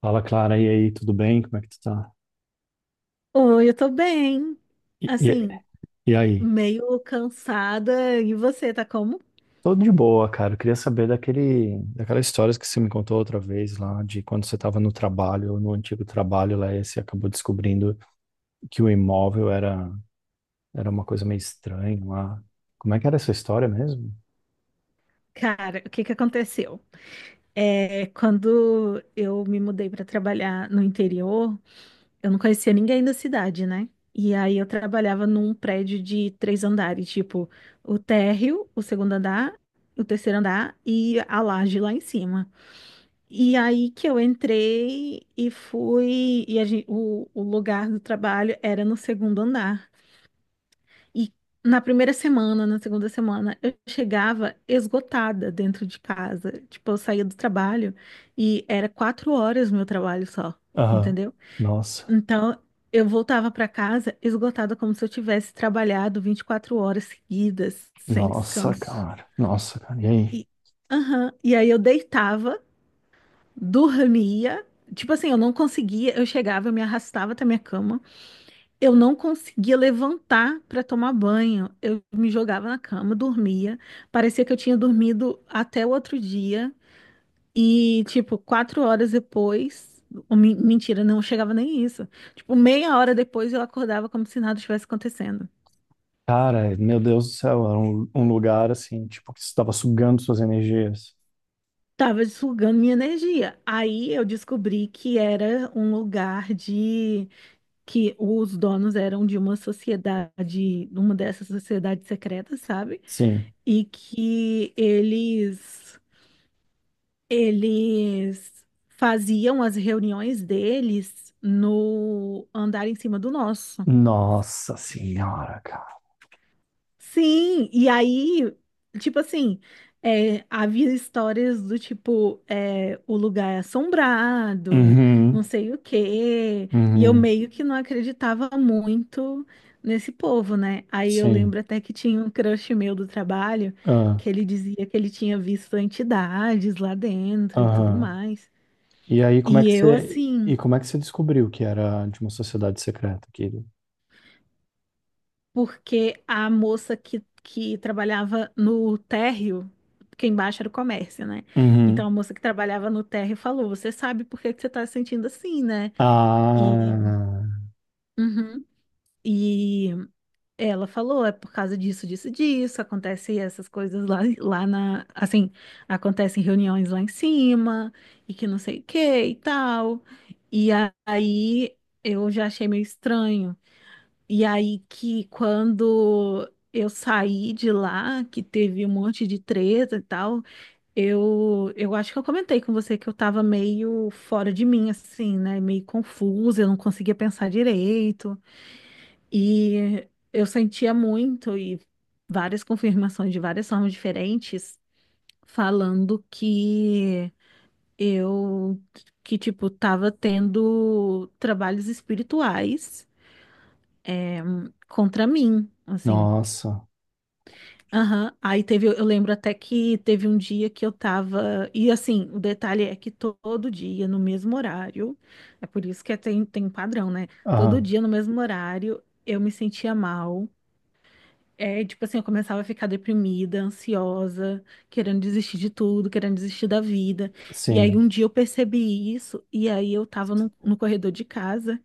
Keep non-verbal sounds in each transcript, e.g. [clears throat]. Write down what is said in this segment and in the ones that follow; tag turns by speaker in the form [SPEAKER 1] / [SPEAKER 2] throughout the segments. [SPEAKER 1] Fala, Clara, e aí, tudo bem? Como é que tu tá?
[SPEAKER 2] Oi, eu tô bem.
[SPEAKER 1] E, e,
[SPEAKER 2] Assim,
[SPEAKER 1] e aí?
[SPEAKER 2] meio cansada. E você tá como?
[SPEAKER 1] Tudo de boa, cara. Eu queria saber daquela história que você me contou outra vez lá, de quando você estava no trabalho, no antigo trabalho lá, e você acabou descobrindo que o imóvel era uma coisa meio estranha lá. Como é que era essa história mesmo?
[SPEAKER 2] Cara, o que que aconteceu? É, quando eu me mudei para trabalhar no interior, eu não conhecia ninguém da cidade, né? E aí eu trabalhava num prédio de 3 andares, tipo, o térreo, o segundo andar, o terceiro andar e a laje lá em cima. E aí que eu entrei e fui, e o lugar do trabalho era no segundo andar. E na primeira semana, na segunda semana, eu chegava esgotada dentro de casa. Tipo, eu saía do trabalho e era 4 horas meu trabalho só,
[SPEAKER 1] Aham.
[SPEAKER 2] entendeu?
[SPEAKER 1] Nossa,
[SPEAKER 2] Então, eu voltava para casa esgotada, como se eu tivesse trabalhado 24 horas seguidas, sem
[SPEAKER 1] nossa,
[SPEAKER 2] descanso.
[SPEAKER 1] cara. Nossa, cara. E aí?
[SPEAKER 2] E, aham, e aí eu deitava, dormia. Tipo assim, eu não conseguia, eu chegava, eu me arrastava até minha cama. Eu não conseguia levantar para tomar banho. Eu me jogava na cama, dormia. Parecia que eu tinha dormido até o outro dia. E, tipo, 4 horas depois. Mentira, não chegava nem isso. Tipo, meia hora depois eu acordava como se nada estivesse acontecendo.
[SPEAKER 1] Cara, meu Deus do céu, era um lugar assim, tipo, que estava sugando suas energias.
[SPEAKER 2] Tava sugando minha energia. Aí eu descobri que era um lugar de. Que os donos eram de uma sociedade, uma dessas sociedades secretas, sabe?
[SPEAKER 1] Sim.
[SPEAKER 2] E que eles Eles faziam as reuniões deles no andar em cima do nosso.
[SPEAKER 1] Nossa senhora.
[SPEAKER 2] Sim, e aí, tipo assim, é, havia histórias do tipo, é, o lugar é assombrado, não
[SPEAKER 1] Uhum,
[SPEAKER 2] sei o quê, e eu
[SPEAKER 1] uhum,
[SPEAKER 2] meio que não acreditava muito nesse povo, né? Aí eu
[SPEAKER 1] sim.
[SPEAKER 2] lembro até que tinha um crush meu do trabalho,
[SPEAKER 1] Ah,
[SPEAKER 2] que ele dizia que ele tinha visto entidades lá dentro e tudo
[SPEAKER 1] aham.
[SPEAKER 2] mais.
[SPEAKER 1] E aí, como é
[SPEAKER 2] E
[SPEAKER 1] que
[SPEAKER 2] eu,
[SPEAKER 1] você, e
[SPEAKER 2] assim,
[SPEAKER 1] como é que você descobriu que era de uma sociedade secreta, querido?
[SPEAKER 2] porque a moça que trabalhava no térreo, porque embaixo era o comércio, né? Então a
[SPEAKER 1] Uhum.
[SPEAKER 2] moça que trabalhava no térreo falou: Você sabe por que que você tá se sentindo assim, né? E,
[SPEAKER 1] Ah,
[SPEAKER 2] uhum. E ela falou: É por causa disso, disso, disso. Acontece essas coisas lá, lá na. Assim, acontecem reuniões lá em cima, e que não sei o que e tal. E aí eu já achei meio estranho. E aí que quando eu saí de lá, que teve um monte de treta e tal, eu acho que eu comentei com você que eu tava meio fora de mim, assim, né? Meio confusa, eu não conseguia pensar direito. E eu sentia muito e várias confirmações de várias formas diferentes falando eu, que tipo, tava tendo trabalhos espirituais, eh, contra mim. Assim,
[SPEAKER 1] nossa.
[SPEAKER 2] aham, aí teve, eu lembro até que teve um dia que eu tava. E assim, o detalhe é que todo dia, no mesmo horário, é por isso que tem um padrão, né? Todo
[SPEAKER 1] Aham,
[SPEAKER 2] dia, no mesmo horário, eu me sentia mal. É, tipo assim, eu começava a ficar deprimida, ansiosa, querendo desistir de tudo, querendo desistir da vida. E aí
[SPEAKER 1] sim.
[SPEAKER 2] um dia eu percebi isso, e aí eu tava no corredor de casa,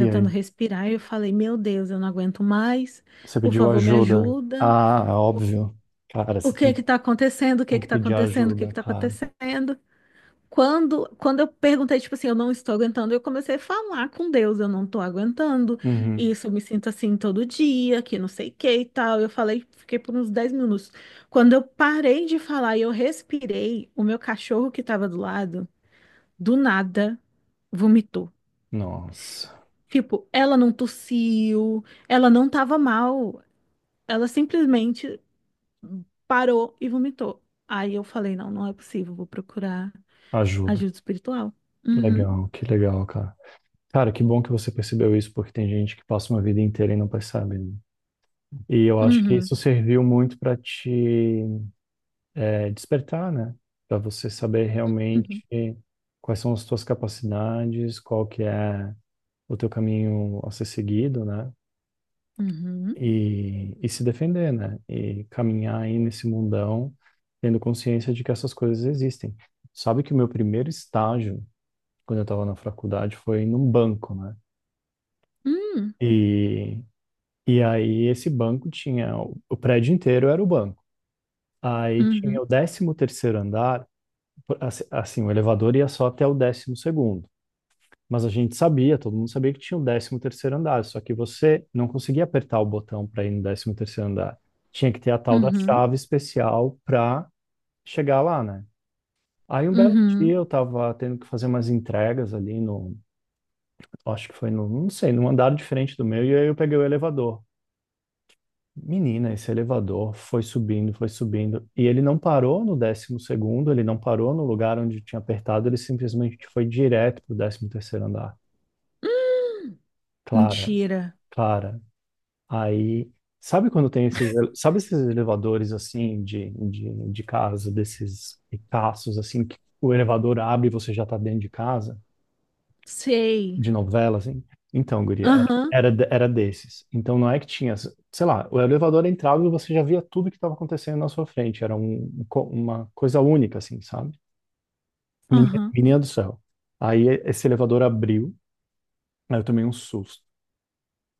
[SPEAKER 1] E aí,
[SPEAKER 2] respirar, e eu falei, meu Deus, eu não aguento mais,
[SPEAKER 1] você
[SPEAKER 2] por
[SPEAKER 1] pediu
[SPEAKER 2] favor, me
[SPEAKER 1] ajuda?
[SPEAKER 2] ajuda,
[SPEAKER 1] Ah, óbvio. Cara,
[SPEAKER 2] o
[SPEAKER 1] você
[SPEAKER 2] que
[SPEAKER 1] tem,
[SPEAKER 2] que tá acontecendo, o que
[SPEAKER 1] tem
[SPEAKER 2] que
[SPEAKER 1] que
[SPEAKER 2] tá
[SPEAKER 1] pedir
[SPEAKER 2] acontecendo, o que que
[SPEAKER 1] ajuda,
[SPEAKER 2] tá
[SPEAKER 1] claro.
[SPEAKER 2] acontecendo. Quando eu perguntei, tipo assim, eu não estou aguentando, eu comecei a falar com Deus, eu não tô aguentando,
[SPEAKER 1] Uhum.
[SPEAKER 2] isso, eu me sinto assim todo dia, que não sei o que e tal. Eu falei, fiquei por uns 10 minutos. Quando eu parei de falar e eu respirei, o meu cachorro que tava do lado, do nada, vomitou.
[SPEAKER 1] Nossa,
[SPEAKER 2] Tipo, ela não tossiu, ela não tava mal, ela simplesmente parou e vomitou. Aí eu falei, não, não é possível, vou procurar
[SPEAKER 1] ajuda.
[SPEAKER 2] ajuda espiritual. Uhum,
[SPEAKER 1] Legal, que legal, cara. Cara, que bom que você percebeu isso, porque tem gente que passa uma vida inteira e não percebe, né? E eu acho que
[SPEAKER 2] uhum,
[SPEAKER 1] isso serviu muito para te despertar, né? Para você saber realmente
[SPEAKER 2] uhum,
[SPEAKER 1] quais são as tuas capacidades, qual que é o teu caminho a ser seguido, né?
[SPEAKER 2] uhum,
[SPEAKER 1] E se defender, né? E caminhar aí nesse mundão, tendo consciência de que essas coisas existem. Sabe que o meu primeiro estágio, quando eu estava na faculdade, foi num banco, né?
[SPEAKER 2] uhum,
[SPEAKER 1] E, e aí esse banco tinha... O prédio inteiro era o banco. Aí tinha
[SPEAKER 2] uhum,
[SPEAKER 1] o décimo terceiro andar, assim, o elevador ia só até o décimo segundo. Mas a gente sabia, todo mundo sabia que tinha o décimo terceiro andar, só que você não conseguia apertar o botão para ir no décimo terceiro andar. Tinha que ter a tal da
[SPEAKER 2] uhum,
[SPEAKER 1] chave especial para chegar lá, né? Aí um belo
[SPEAKER 2] uhum.
[SPEAKER 1] dia eu tava tendo que fazer umas entregas ali acho que foi no, não sei, num andar diferente do meu, e aí eu peguei o elevador. Menina, esse elevador foi subindo, e ele não parou no décimo segundo, ele não parou no lugar onde tinha apertado, ele simplesmente foi direto pro décimo terceiro andar.
[SPEAKER 2] Hum,
[SPEAKER 1] Clara,
[SPEAKER 2] mentira.
[SPEAKER 1] Clara. Aí, sabe quando tem esses, sabe esses elevadores assim de casa, desses ricaços assim, que o elevador abre e você já tá dentro de casa?
[SPEAKER 2] Sei.
[SPEAKER 1] De novela, assim? Então, guria,
[SPEAKER 2] Aham,
[SPEAKER 1] era desses. Então não é que tinha, sei lá, o elevador entrava e você já via tudo que estava acontecendo na sua frente. Era uma coisa única, assim, sabe? Menina,
[SPEAKER 2] aham.
[SPEAKER 1] menina do céu. Aí esse elevador abriu, aí eu tomei um susto.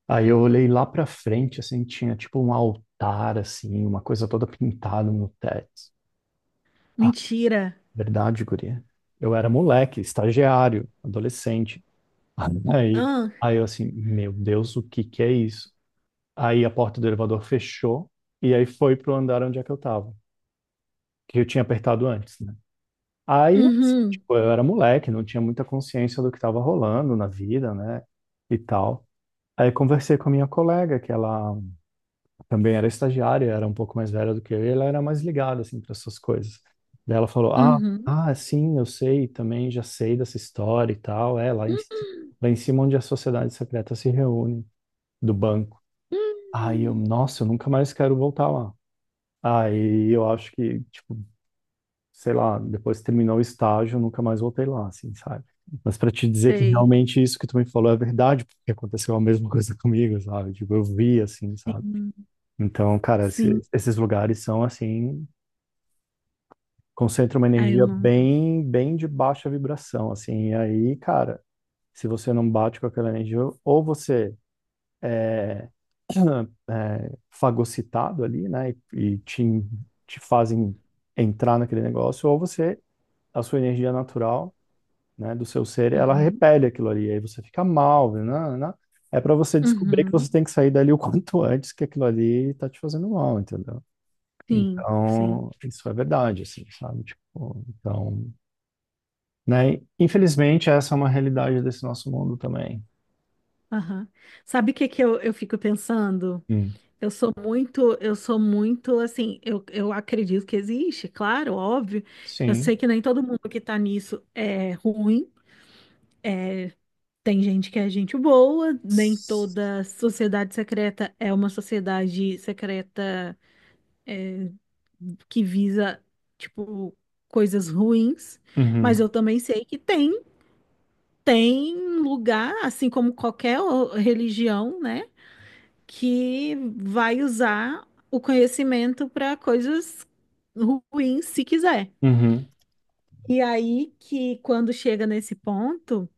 [SPEAKER 1] Aí eu olhei lá pra frente, assim, tinha tipo um altar, assim, uma coisa toda pintada no teto. Ah,
[SPEAKER 2] Mentira.
[SPEAKER 1] verdade, guria. Eu era moleque, estagiário, adolescente. [laughs] Aí,
[SPEAKER 2] Ah,
[SPEAKER 1] Aí eu assim, meu Deus, o que que é isso? Aí a porta do elevador fechou e aí foi pro andar onde é que eu tava, que eu tinha apertado antes, né? Aí, eu, assim,
[SPEAKER 2] uhum,
[SPEAKER 1] tipo, eu era moleque, não tinha muita consciência do que estava rolando na vida, né? E tal. Aí conversei com a minha colega, que ela também era estagiária, era um pouco mais velha do que eu, e ela era mais ligada, assim, para essas coisas. Daí ela falou,
[SPEAKER 2] uhum.
[SPEAKER 1] ah, sim, eu sei, também já sei dessa história e tal, é,
[SPEAKER 2] Hum,
[SPEAKER 1] lá em cima onde a sociedade secreta se reúne, do banco. Aí eu,
[SPEAKER 2] hum.
[SPEAKER 1] nossa, eu nunca mais quero voltar lá. Aí eu acho que, tipo, sei lá, depois que terminou o estágio, eu nunca mais voltei lá, assim, sabe? Mas para te dizer que
[SPEAKER 2] Sei.
[SPEAKER 1] realmente isso que tu me falou é verdade, porque aconteceu a mesma [laughs] coisa comigo, sabe? Tipo, eu vi, assim, sabe?
[SPEAKER 2] Sim,
[SPEAKER 1] Então, cara,
[SPEAKER 2] sim.
[SPEAKER 1] esses lugares são, assim, concentram uma
[SPEAKER 2] Ai, eu
[SPEAKER 1] energia
[SPEAKER 2] não gosto.
[SPEAKER 1] bem, bem de baixa vibração, assim. E aí, cara, se você não bate com aquela energia, ou você é, [clears throat] é fagocitado ali, né? Te fazem entrar naquele negócio, ou você a sua energia natural, né, do seu ser, ela
[SPEAKER 2] Uhum,
[SPEAKER 1] repele aquilo ali, aí você fica mal, né. É para você descobrir que
[SPEAKER 2] uhum.
[SPEAKER 1] você tem que sair dali o [laughs] quanto antes, que aquilo ali tá te fazendo mal, entendeu?
[SPEAKER 2] Sim, sim.
[SPEAKER 1] Então, isso é verdade, assim, sabe? Tipo, então, né? Infelizmente, essa é uma realidade desse nosso mundo também.
[SPEAKER 2] Aham. Sabe o que que eu fico pensando?
[SPEAKER 1] Hum.
[SPEAKER 2] Eu sou muito assim, eu acredito que existe, claro, óbvio. Eu
[SPEAKER 1] Sim.
[SPEAKER 2] sei que nem todo mundo que tá nisso é ruim, é, tem gente que é gente boa, nem toda sociedade secreta é uma sociedade secreta que visa, tipo, coisas ruins, mas
[SPEAKER 1] Uhum,
[SPEAKER 2] eu também sei que tem lugar, assim como qualquer religião, né? que vai usar o conhecimento para coisas ruins, se quiser.
[SPEAKER 1] uhum,
[SPEAKER 2] E aí que quando chega nesse ponto,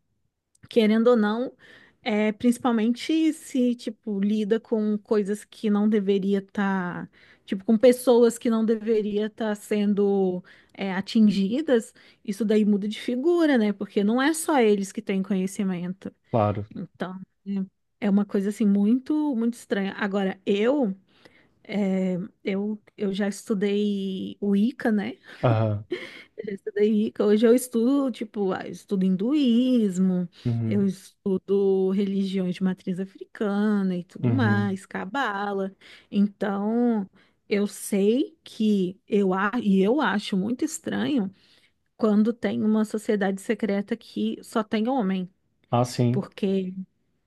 [SPEAKER 2] querendo ou não, principalmente se, tipo, lida com coisas que não deveria estar, tipo, com pessoas que não deveria estar sendo atingidas, isso daí muda de figura, né? Porque não é só eles que têm conhecimento.
[SPEAKER 1] claro.
[SPEAKER 2] Então, é uma coisa assim muito, muito estranha. Agora, é, eu já estudei Wicca, né?
[SPEAKER 1] Aham,
[SPEAKER 2] Já estudei Wicca. Hoje eu estudo, tipo, ah, eu estudo hinduísmo, eu
[SPEAKER 1] uhum,
[SPEAKER 2] estudo religiões de matriz africana e tudo
[SPEAKER 1] uhum.
[SPEAKER 2] mais, cabala. Então, eu sei que eu, a- e eu acho muito estranho quando tem uma sociedade secreta que só tem homem,
[SPEAKER 1] Ah, sim.
[SPEAKER 2] porque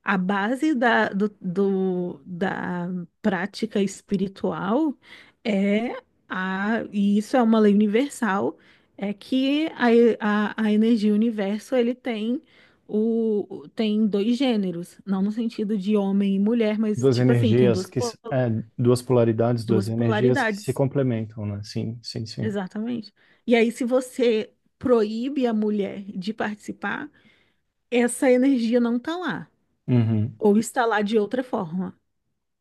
[SPEAKER 2] a base da prática espiritual é a, e isso é uma lei universal, é que a energia universo ele tem tem dois gêneros, não no sentido de homem e mulher, mas
[SPEAKER 1] Duas
[SPEAKER 2] tipo assim, tem
[SPEAKER 1] energias
[SPEAKER 2] duas, po-
[SPEAKER 1] duas polaridades, duas
[SPEAKER 2] duas
[SPEAKER 1] energias que se
[SPEAKER 2] polaridades,
[SPEAKER 1] complementam, né? Sim, sim, sim.
[SPEAKER 2] exatamente. E aí, se você proíbe a mulher de participar, essa energia não está lá,
[SPEAKER 1] Uhum.
[SPEAKER 2] ou está lá de outra forma.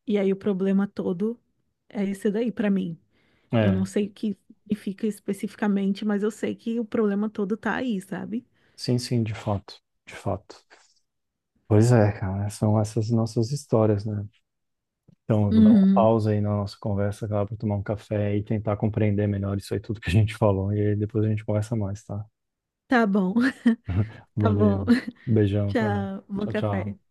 [SPEAKER 2] E aí o problema todo é isso daí para mim. Eu não
[SPEAKER 1] É,
[SPEAKER 2] sei o que significa especificamente, mas eu sei que o problema todo tá aí, sabe?
[SPEAKER 1] sim, sim, de fato, de fato. Pois é, cara, são essas nossas histórias, né? Então, eu vou dar uma
[SPEAKER 2] Uhum.
[SPEAKER 1] pausa aí na nossa conversa, cara, para tomar um café e tentar compreender melhor isso aí tudo que a gente falou. E aí depois a gente conversa mais, tá?
[SPEAKER 2] Tá bom, [laughs]
[SPEAKER 1] [laughs]
[SPEAKER 2] tá bom.
[SPEAKER 1] Valeu.
[SPEAKER 2] [laughs]
[SPEAKER 1] Beijão, cara.
[SPEAKER 2] Tchau, bom
[SPEAKER 1] Tchau, tchau.
[SPEAKER 2] café.